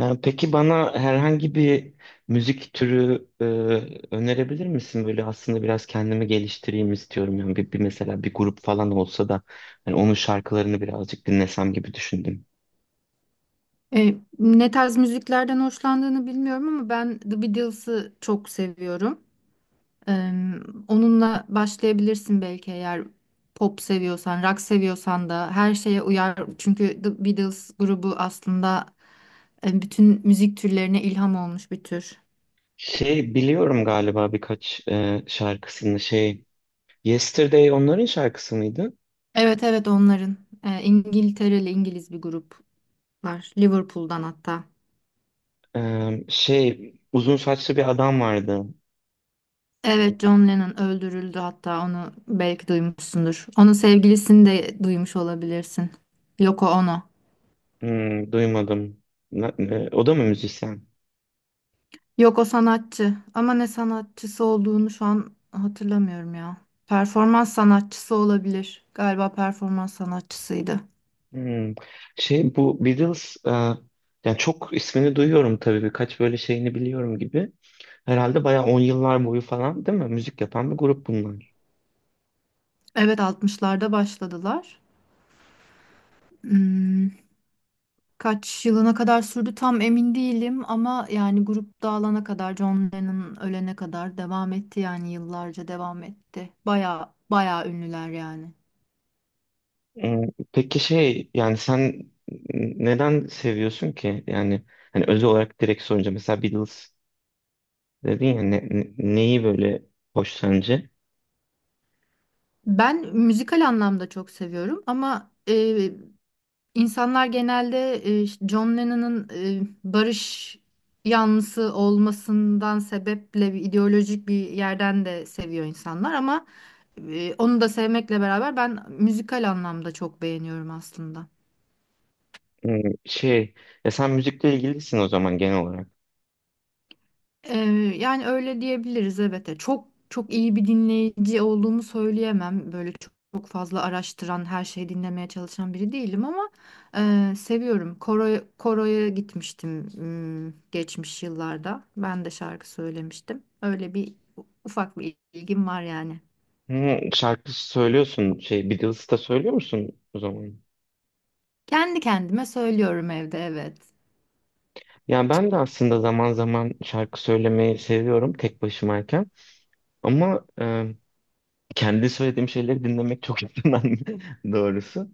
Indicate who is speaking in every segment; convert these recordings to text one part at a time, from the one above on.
Speaker 1: Peki bana herhangi bir müzik türü önerebilir misin? Böyle aslında biraz kendimi geliştireyim istiyorum. Yani bir mesela bir grup falan olsa da hani onun şarkılarını birazcık dinlesem gibi düşündüm.
Speaker 2: Ne tarz müziklerden hoşlandığını bilmiyorum ama ben The Beatles'ı çok seviyorum. E, Onunla başlayabilirsin belki eğer pop seviyorsan, rock seviyorsan da her şeye uyar. Çünkü The Beatles grubu aslında bütün müzik türlerine ilham olmuş bir tür.
Speaker 1: Şey biliyorum galiba birkaç şarkısını şey, Yesterday onların şarkısı mıydı?
Speaker 2: Evet, evet, onların. İngiltereli, İngiliz bir gruplar. Liverpool'dan hatta.
Speaker 1: Şey, uzun saçlı bir adam vardı.
Speaker 2: Evet, John Lennon öldürüldü, hatta onu belki duymuşsundur. Onun sevgilisini de duymuş olabilirsin. Yoko Ono.
Speaker 1: Hmm, duymadım. O da mı müzisyen?
Speaker 2: Yoko sanatçı ama ne sanatçısı olduğunu şu an hatırlamıyorum ya. Performans sanatçısı olabilir. Galiba performans sanatçısıydı.
Speaker 1: Hmm. Şey, bu Beatles yani çok ismini duyuyorum tabii birkaç böyle şeyini biliyorum gibi. Herhalde bayağı 10 yıllar boyu falan değil mi? Müzik yapan bir grup bunlar.
Speaker 2: Evet, altmışlarda başladılar. Hmm, kaç yılına kadar sürdü tam emin değilim ama yani grup dağılana kadar, John Lennon ölene kadar devam etti, yani yıllarca devam etti. Baya baya ünlüler yani.
Speaker 1: Hmm, peki şey yani sen neden seviyorsun ki? Yani hani özel olarak direkt sorunca mesela Beatles dedin ya neyi böyle hoş sence?
Speaker 2: Ben müzikal anlamda çok seviyorum ama insanlar genelde işte John Lennon'ın barış yanlısı olmasından sebeple bir ideolojik bir yerden de seviyor insanlar ama onu da sevmekle beraber ben müzikal anlamda çok beğeniyorum aslında.
Speaker 1: Hmm, şey, ya sen müzikle ilgilisin o zaman genel olarak.
Speaker 2: Ee, Yani öyle diyebiliriz, evet. Çok çok iyi bir dinleyici olduğumu söyleyemem. Böyle çok fazla araştıran, her şeyi dinlemeye çalışan biri değilim ama seviyorum. Koroya gitmiştim hmm, geçmiş yıllarda. Ben de şarkı söylemiştim. Öyle bir ufak bir ilgim var yani.
Speaker 1: Hmm, şarkı söylüyorsun şey, Beatles'ı da söylüyor musun o zaman?
Speaker 2: Kendi kendime söylüyorum evde, evet.
Speaker 1: Ya ben de aslında zaman zaman şarkı söylemeyi seviyorum tek başımayken. Ama kendi söylediğim şeyleri dinlemek çok yakından doğrusu.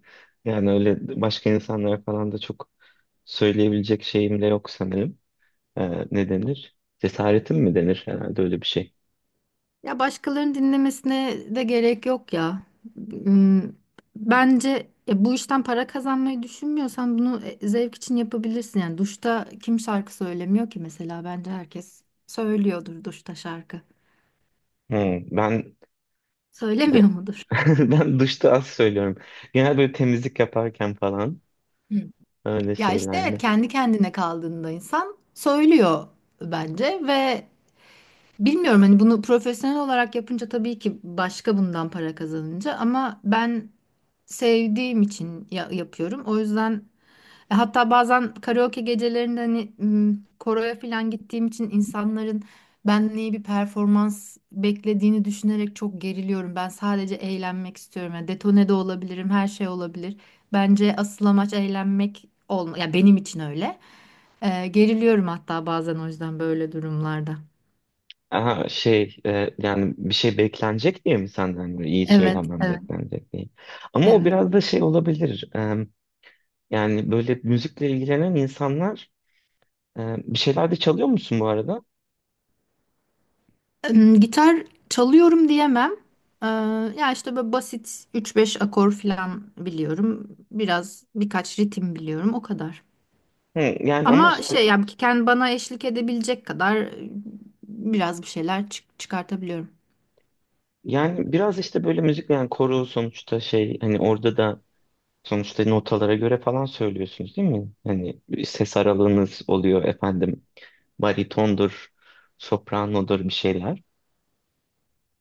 Speaker 1: Yani öyle başka insanlara falan da çok söyleyebilecek şeyim de yok sanırım. E, ne denir? Cesaretim mi denir herhalde, öyle bir şey.
Speaker 2: Ya başkalarının dinlemesine de gerek yok ya. Hmm, bence bu işten para kazanmayı düşünmüyorsan bunu zevk için yapabilirsin. Yani duşta kim şarkı söylemiyor ki mesela? Bence herkes söylüyordur duşta şarkı.
Speaker 1: Hmm, ben
Speaker 2: Söylemiyor
Speaker 1: de
Speaker 2: mudur?
Speaker 1: ben duşta az söylüyorum. Genel böyle temizlik yaparken falan,
Speaker 2: Hı.
Speaker 1: öyle
Speaker 2: Ya işte evet,
Speaker 1: şeylerle.
Speaker 2: kendi kendine kaldığında insan söylüyor bence ve bilmiyorum hani bunu profesyonel olarak yapınca tabii ki başka, bundan para kazanınca ama ben sevdiğim için yapıyorum. O yüzden hatta bazen karaoke gecelerinde hani koroya falan gittiğim için insanların benden iyi bir performans beklediğini düşünerek çok geriliyorum. Ben sadece eğlenmek istiyorum. Yani detone de olabilirim, her şey olabilir. Bence asıl amaç eğlenmek olma. Ya benim için öyle. Geriliyorum hatta bazen o yüzden böyle durumlarda.
Speaker 1: Aha şey, yani bir şey beklenecek diye mi, senden böyle iyi
Speaker 2: Evet,
Speaker 1: söylemem
Speaker 2: evet,
Speaker 1: beklenecek diye. Ama o
Speaker 2: evet.
Speaker 1: biraz da şey olabilir. E, yani böyle müzikle ilgilenen insanlar, bir şeyler de çalıyor musun bu arada?
Speaker 2: Gitar çalıyorum diyemem. Ee, Ya işte böyle basit üç beş akor falan biliyorum. Biraz birkaç ritim biliyorum o kadar.
Speaker 1: Hı, yani ama
Speaker 2: Ama
Speaker 1: işte
Speaker 2: şey yani ki kendi bana eşlik edebilecek kadar biraz bir şeyler çıkartabiliyorum.
Speaker 1: yani biraz işte böyle müzik, yani koro sonuçta şey, hani orada da sonuçta notalara göre falan söylüyorsunuz değil mi? Hani ses aralığınız oluyor, efendim baritondur, sopranodur bir şeyler.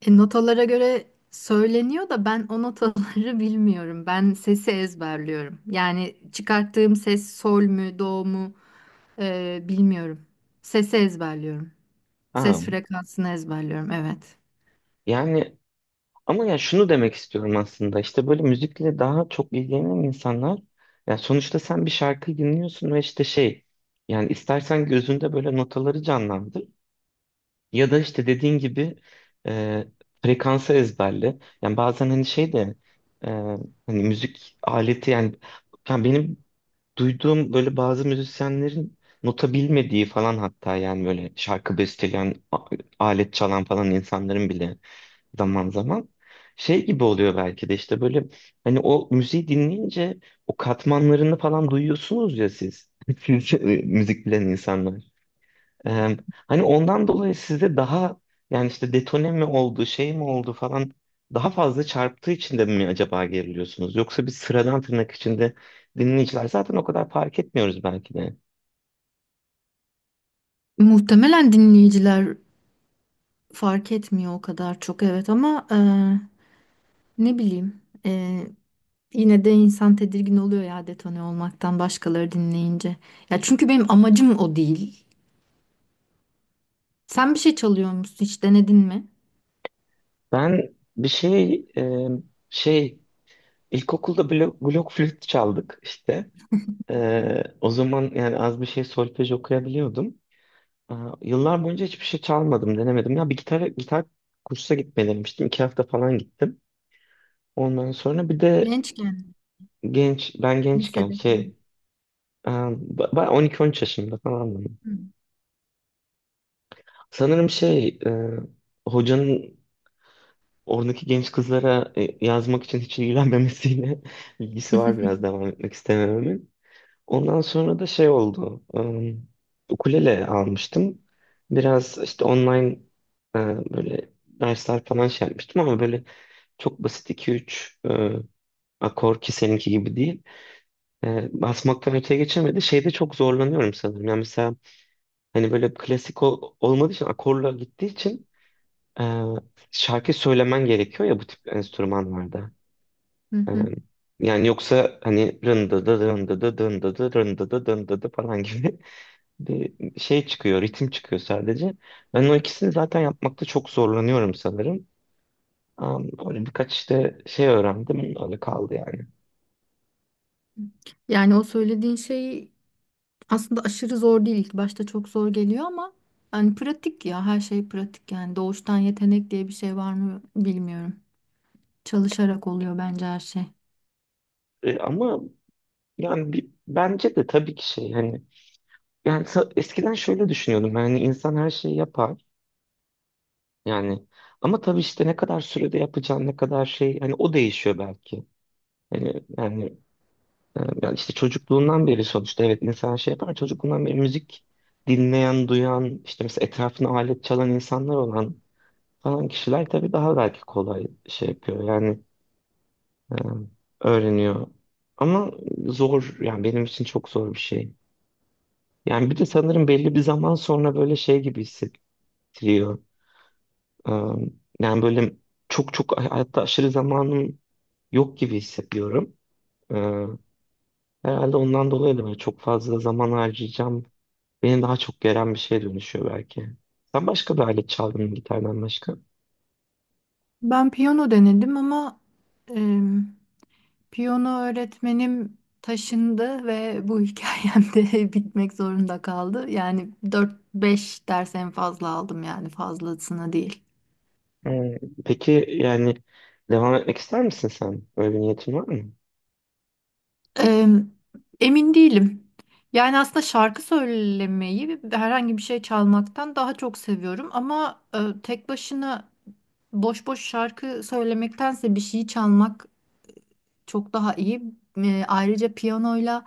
Speaker 2: Notalara göre söyleniyor da ben o notaları bilmiyorum. Ben sesi ezberliyorum. Yani çıkarttığım ses sol mü, do mu bilmiyorum. Sesi ezberliyorum.
Speaker 1: Ha,
Speaker 2: Ses frekansını ezberliyorum, evet.
Speaker 1: yani ama ya şunu demek istiyorum aslında, işte böyle müzikle daha çok ilgilenen insanlar, ya sonuçta sen bir şarkı dinliyorsun ve işte şey, yani istersen gözünde böyle notaları canlandır ya da işte dediğin gibi e, frekansı ezberle. Yani bazen hani şey de e, hani müzik aleti yani, yani benim duyduğum böyle bazı müzisyenlerin nota bilmediği falan, hatta yani böyle şarkı besteleyen alet çalan falan insanların bile zaman zaman şey gibi oluyor belki de, işte böyle hani o müziği dinleyince o katmanlarını falan duyuyorsunuz ya siz. Siz müzik bilen insanlar. Ee, hani ondan dolayı sizde daha, yani işte detone mi oldu, şey mi oldu falan, daha fazla çarptığı için de mi acaba geriliyorsunuz? Yoksa biz sıradan, tırnak içinde, dinleyiciler zaten o kadar fark etmiyoruz belki de.
Speaker 2: Muhtemelen dinleyiciler fark etmiyor o kadar çok, evet ama ne bileyim, yine de insan tedirgin oluyor ya detone olmaktan başkaları dinleyince. Ya çünkü benim amacım o değil. Sen bir şey çalıyor musun? Hiç denedin mi?
Speaker 1: Ben bir şey şey, ilkokulda blok flüt çaldık işte. O zaman yani az bir şey solfej okuyabiliyordum. Ee, Yıllar boyunca hiçbir şey çalmadım, denemedim. Ya bir gitar kursa gitmeyi denemiştim. İki hafta falan gittim. Ondan sonra bir de
Speaker 2: Gençken,
Speaker 1: genç, ben gençken
Speaker 2: lisede falan.
Speaker 1: şey, 12-13 yaşımda falan.
Speaker 2: Hı
Speaker 1: Sanırım şey, hocanın oradaki genç kızlara yazmak için hiç ilgilenmemesiyle ilgisi var, biraz devam etmek istemememin. Ondan sonra da şey oldu. Ukulele almıştım. Biraz işte online e, böyle dersler falan şey yapmıştım ama böyle çok basit iki üç akor, ki seninki gibi değil. E, basmaktan öteye geçemedi. Şeyde çok zorlanıyorum sanırım. Yani mesela hani böyle klasik olmadığı için, akorla gittiği için e, şarkı söylemen gerekiyor ya bu tip enstrümanlarda.
Speaker 2: hı.
Speaker 1: E,
Speaker 2: Hı.
Speaker 1: yani yoksa hani rındı dı rındı dı rındı dı rındı dı rındı dı falan gibi bir şey çıkıyor, ritim çıkıyor sadece. Ben o ikisini zaten yapmakta çok zorlanıyorum sanırım. Böyle birkaç işte şey öğrendim, öyle kaldı yani.
Speaker 2: Yani o söylediğin şey aslında aşırı zor değil. İlk başta çok zor geliyor ama hani pratik ya, her şey pratik, yani doğuştan yetenek diye bir şey var mı bilmiyorum. Çalışarak oluyor bence her şey.
Speaker 1: E, ama yani bir, bence de tabii ki şey, hani yani eskiden şöyle düşünüyordum, yani insan her şeyi yapar yani, ama tabii işte ne kadar sürede yapacağın, ne kadar şey, hani o değişiyor belki. Hani yani, yani işte çocukluğundan beri sonuçta evet, insan şey yapar, çocukluğundan beri müzik dinleyen, duyan, işte mesela etrafına alet çalan insanlar olan falan kişiler tabii daha belki kolay şey yapıyor yani e, öğreniyor. Ama zor yani, benim için çok zor bir şey. Yani bir de sanırım belli bir zaman sonra böyle şey gibi hissettiriyor. E, yani böyle çok çok hayatta aşırı zamanım yok gibi hissediyorum. E, herhalde ondan dolayı da böyle çok fazla zaman harcayacağım, beni daha çok geren bir şeye dönüşüyor belki. Sen başka bir alet çaldın mı gitardan başka?
Speaker 2: Ben piyano denedim ama em, piyano öğretmenim taşındı ve bu hikayem de bitmek zorunda kaldı. Yani dört beş ders en fazla aldım, yani fazlasına değil.
Speaker 1: Ee, peki yani, devam etmek ister misin sen? Böyle bir niyetin var mı?
Speaker 2: Eee, Emin değilim. Yani aslında şarkı söylemeyi ve herhangi bir şey çalmaktan daha çok seviyorum ama tek başına boş boş şarkı söylemektense bir şeyi çalmak çok daha iyi. Ayrıca piyanoyla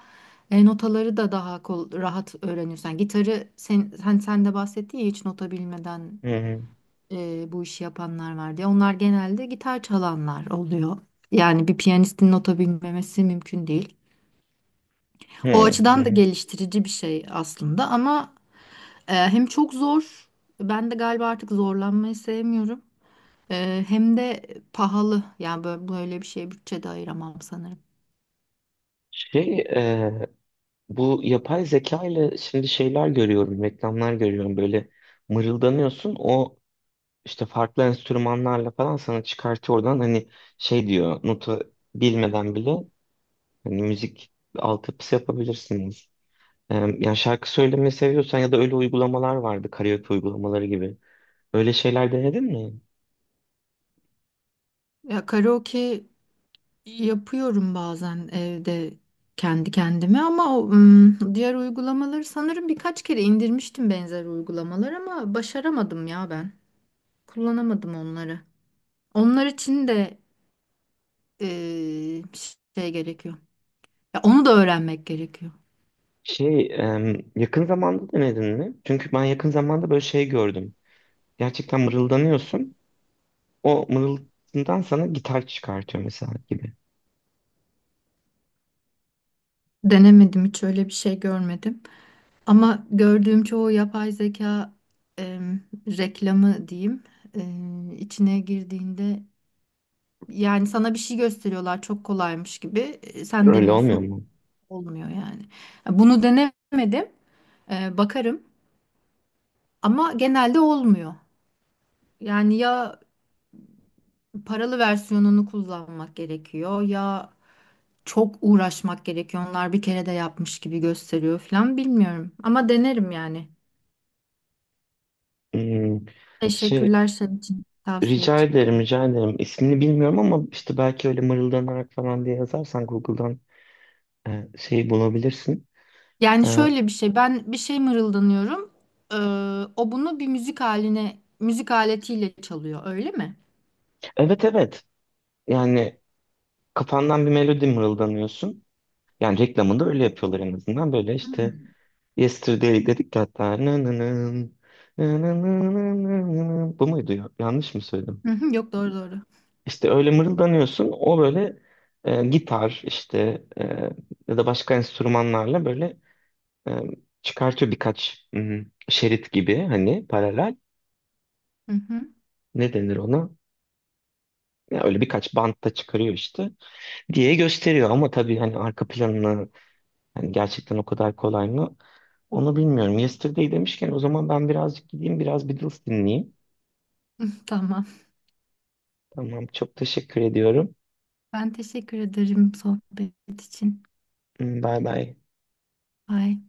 Speaker 2: notaları da daha rahat öğreniyorsun. Yani gitarı sen de bahsettin ya, hiç nota bilmeden
Speaker 1: Hı hı.
Speaker 2: bu işi yapanlar var diye. Onlar genelde gitar çalanlar oluyor. Yani bir piyanistin nota bilmemesi mümkün değil. O
Speaker 1: Hı
Speaker 2: açıdan da
Speaker 1: hı.
Speaker 2: geliştirici bir şey aslında ama hem çok zor, ben de galiba artık zorlanmayı sevmiyorum. Hem de pahalı. Yani böyle bir şeye bütçe de ayıramam sanırım.
Speaker 1: Şey, bu yapay zeka ile şimdi şeyler görüyorum, reklamlar görüyorum, böyle mırıldanıyorsun, o işte farklı enstrümanlarla falan sana çıkartıyor, oradan hani şey diyor, notu bilmeden bile hani müzik altyapısı yapabilirsiniz. E, yani şarkı söylemeyi seviyorsan, ya da öyle uygulamalar vardı, karaoke uygulamaları gibi. Öyle şeyler denedin mi?
Speaker 2: Ya karaoke yapıyorum bazen evde kendi kendime ama o, diğer uygulamaları sanırım birkaç kere indirmiştim, benzer uygulamalar, ama başaramadım ya ben. Kullanamadım onları. Onlar için de e, şey gerekiyor. Ya onu da öğrenmek gerekiyor.
Speaker 1: Şey, yakın zamanda denedin mi? Çünkü ben yakın zamanda böyle şey gördüm. Gerçekten mırıldanıyorsun. O mırıltından sana gitar çıkartıyor mesela gibi.
Speaker 2: Denemedim, hiç öyle bir şey görmedim. Ama gördüğüm çoğu yapay zeka em, reklamı diyeyim, içine girdiğinde yani sana bir şey gösteriyorlar çok kolaymış gibi. E, sen
Speaker 1: Öyle olmuyor
Speaker 2: deniyorsun,
Speaker 1: mu?
Speaker 2: olmuyor yani. Bunu denemedim, bakarım ama genelde olmuyor. Yani ya paralı versiyonunu kullanmak gerekiyor ya çok uğraşmak gerekiyor. Onlar bir kere de yapmış gibi gösteriyor falan, bilmiyorum ama denerim yani.
Speaker 1: Hmm, şey,
Speaker 2: Teşekkürler senin için, tavsiye için.
Speaker 1: rica ederim. İsmini bilmiyorum ama işte belki öyle mırıldanarak falan diye yazarsan Google'dan şeyi bulabilirsin.
Speaker 2: Yani
Speaker 1: E,
Speaker 2: şöyle bir şey, ben bir şey mırıldanıyorum. Ee, O bunu bir müzik haline, müzik aletiyle çalıyor, öyle mi?
Speaker 1: evet, evet. Yani kafandan bir melodi mırıldanıyorsun. Yani reklamında öyle yapıyorlar en azından. Böyle işte Yesterday dedik ya hatta. Nananın. Bu muydu ya? Yanlış mı söyledim?
Speaker 2: Hı hı, yok, doğru doğru.
Speaker 1: İşte öyle mırıldanıyorsun. O böyle gitar işte ya da başka enstrümanlarla böyle e, çıkartıyor birkaç hmm, şerit gibi, hani paralel.
Speaker 2: Hı hı.
Speaker 1: Ne denir ona? Ya öyle birkaç bantta çıkarıyor işte diye gösteriyor ama tabii hani arka planını, hani gerçekten o kadar kolay mı, onu bilmiyorum. Yesterday demişken o zaman ben birazcık gideyim, biraz Beatles dinleyeyim.
Speaker 2: Tamam.
Speaker 1: Tamam, çok teşekkür ediyorum.
Speaker 2: Ben teşekkür ederim sohbet için.
Speaker 1: Hmm, bay bay.
Speaker 2: Bye.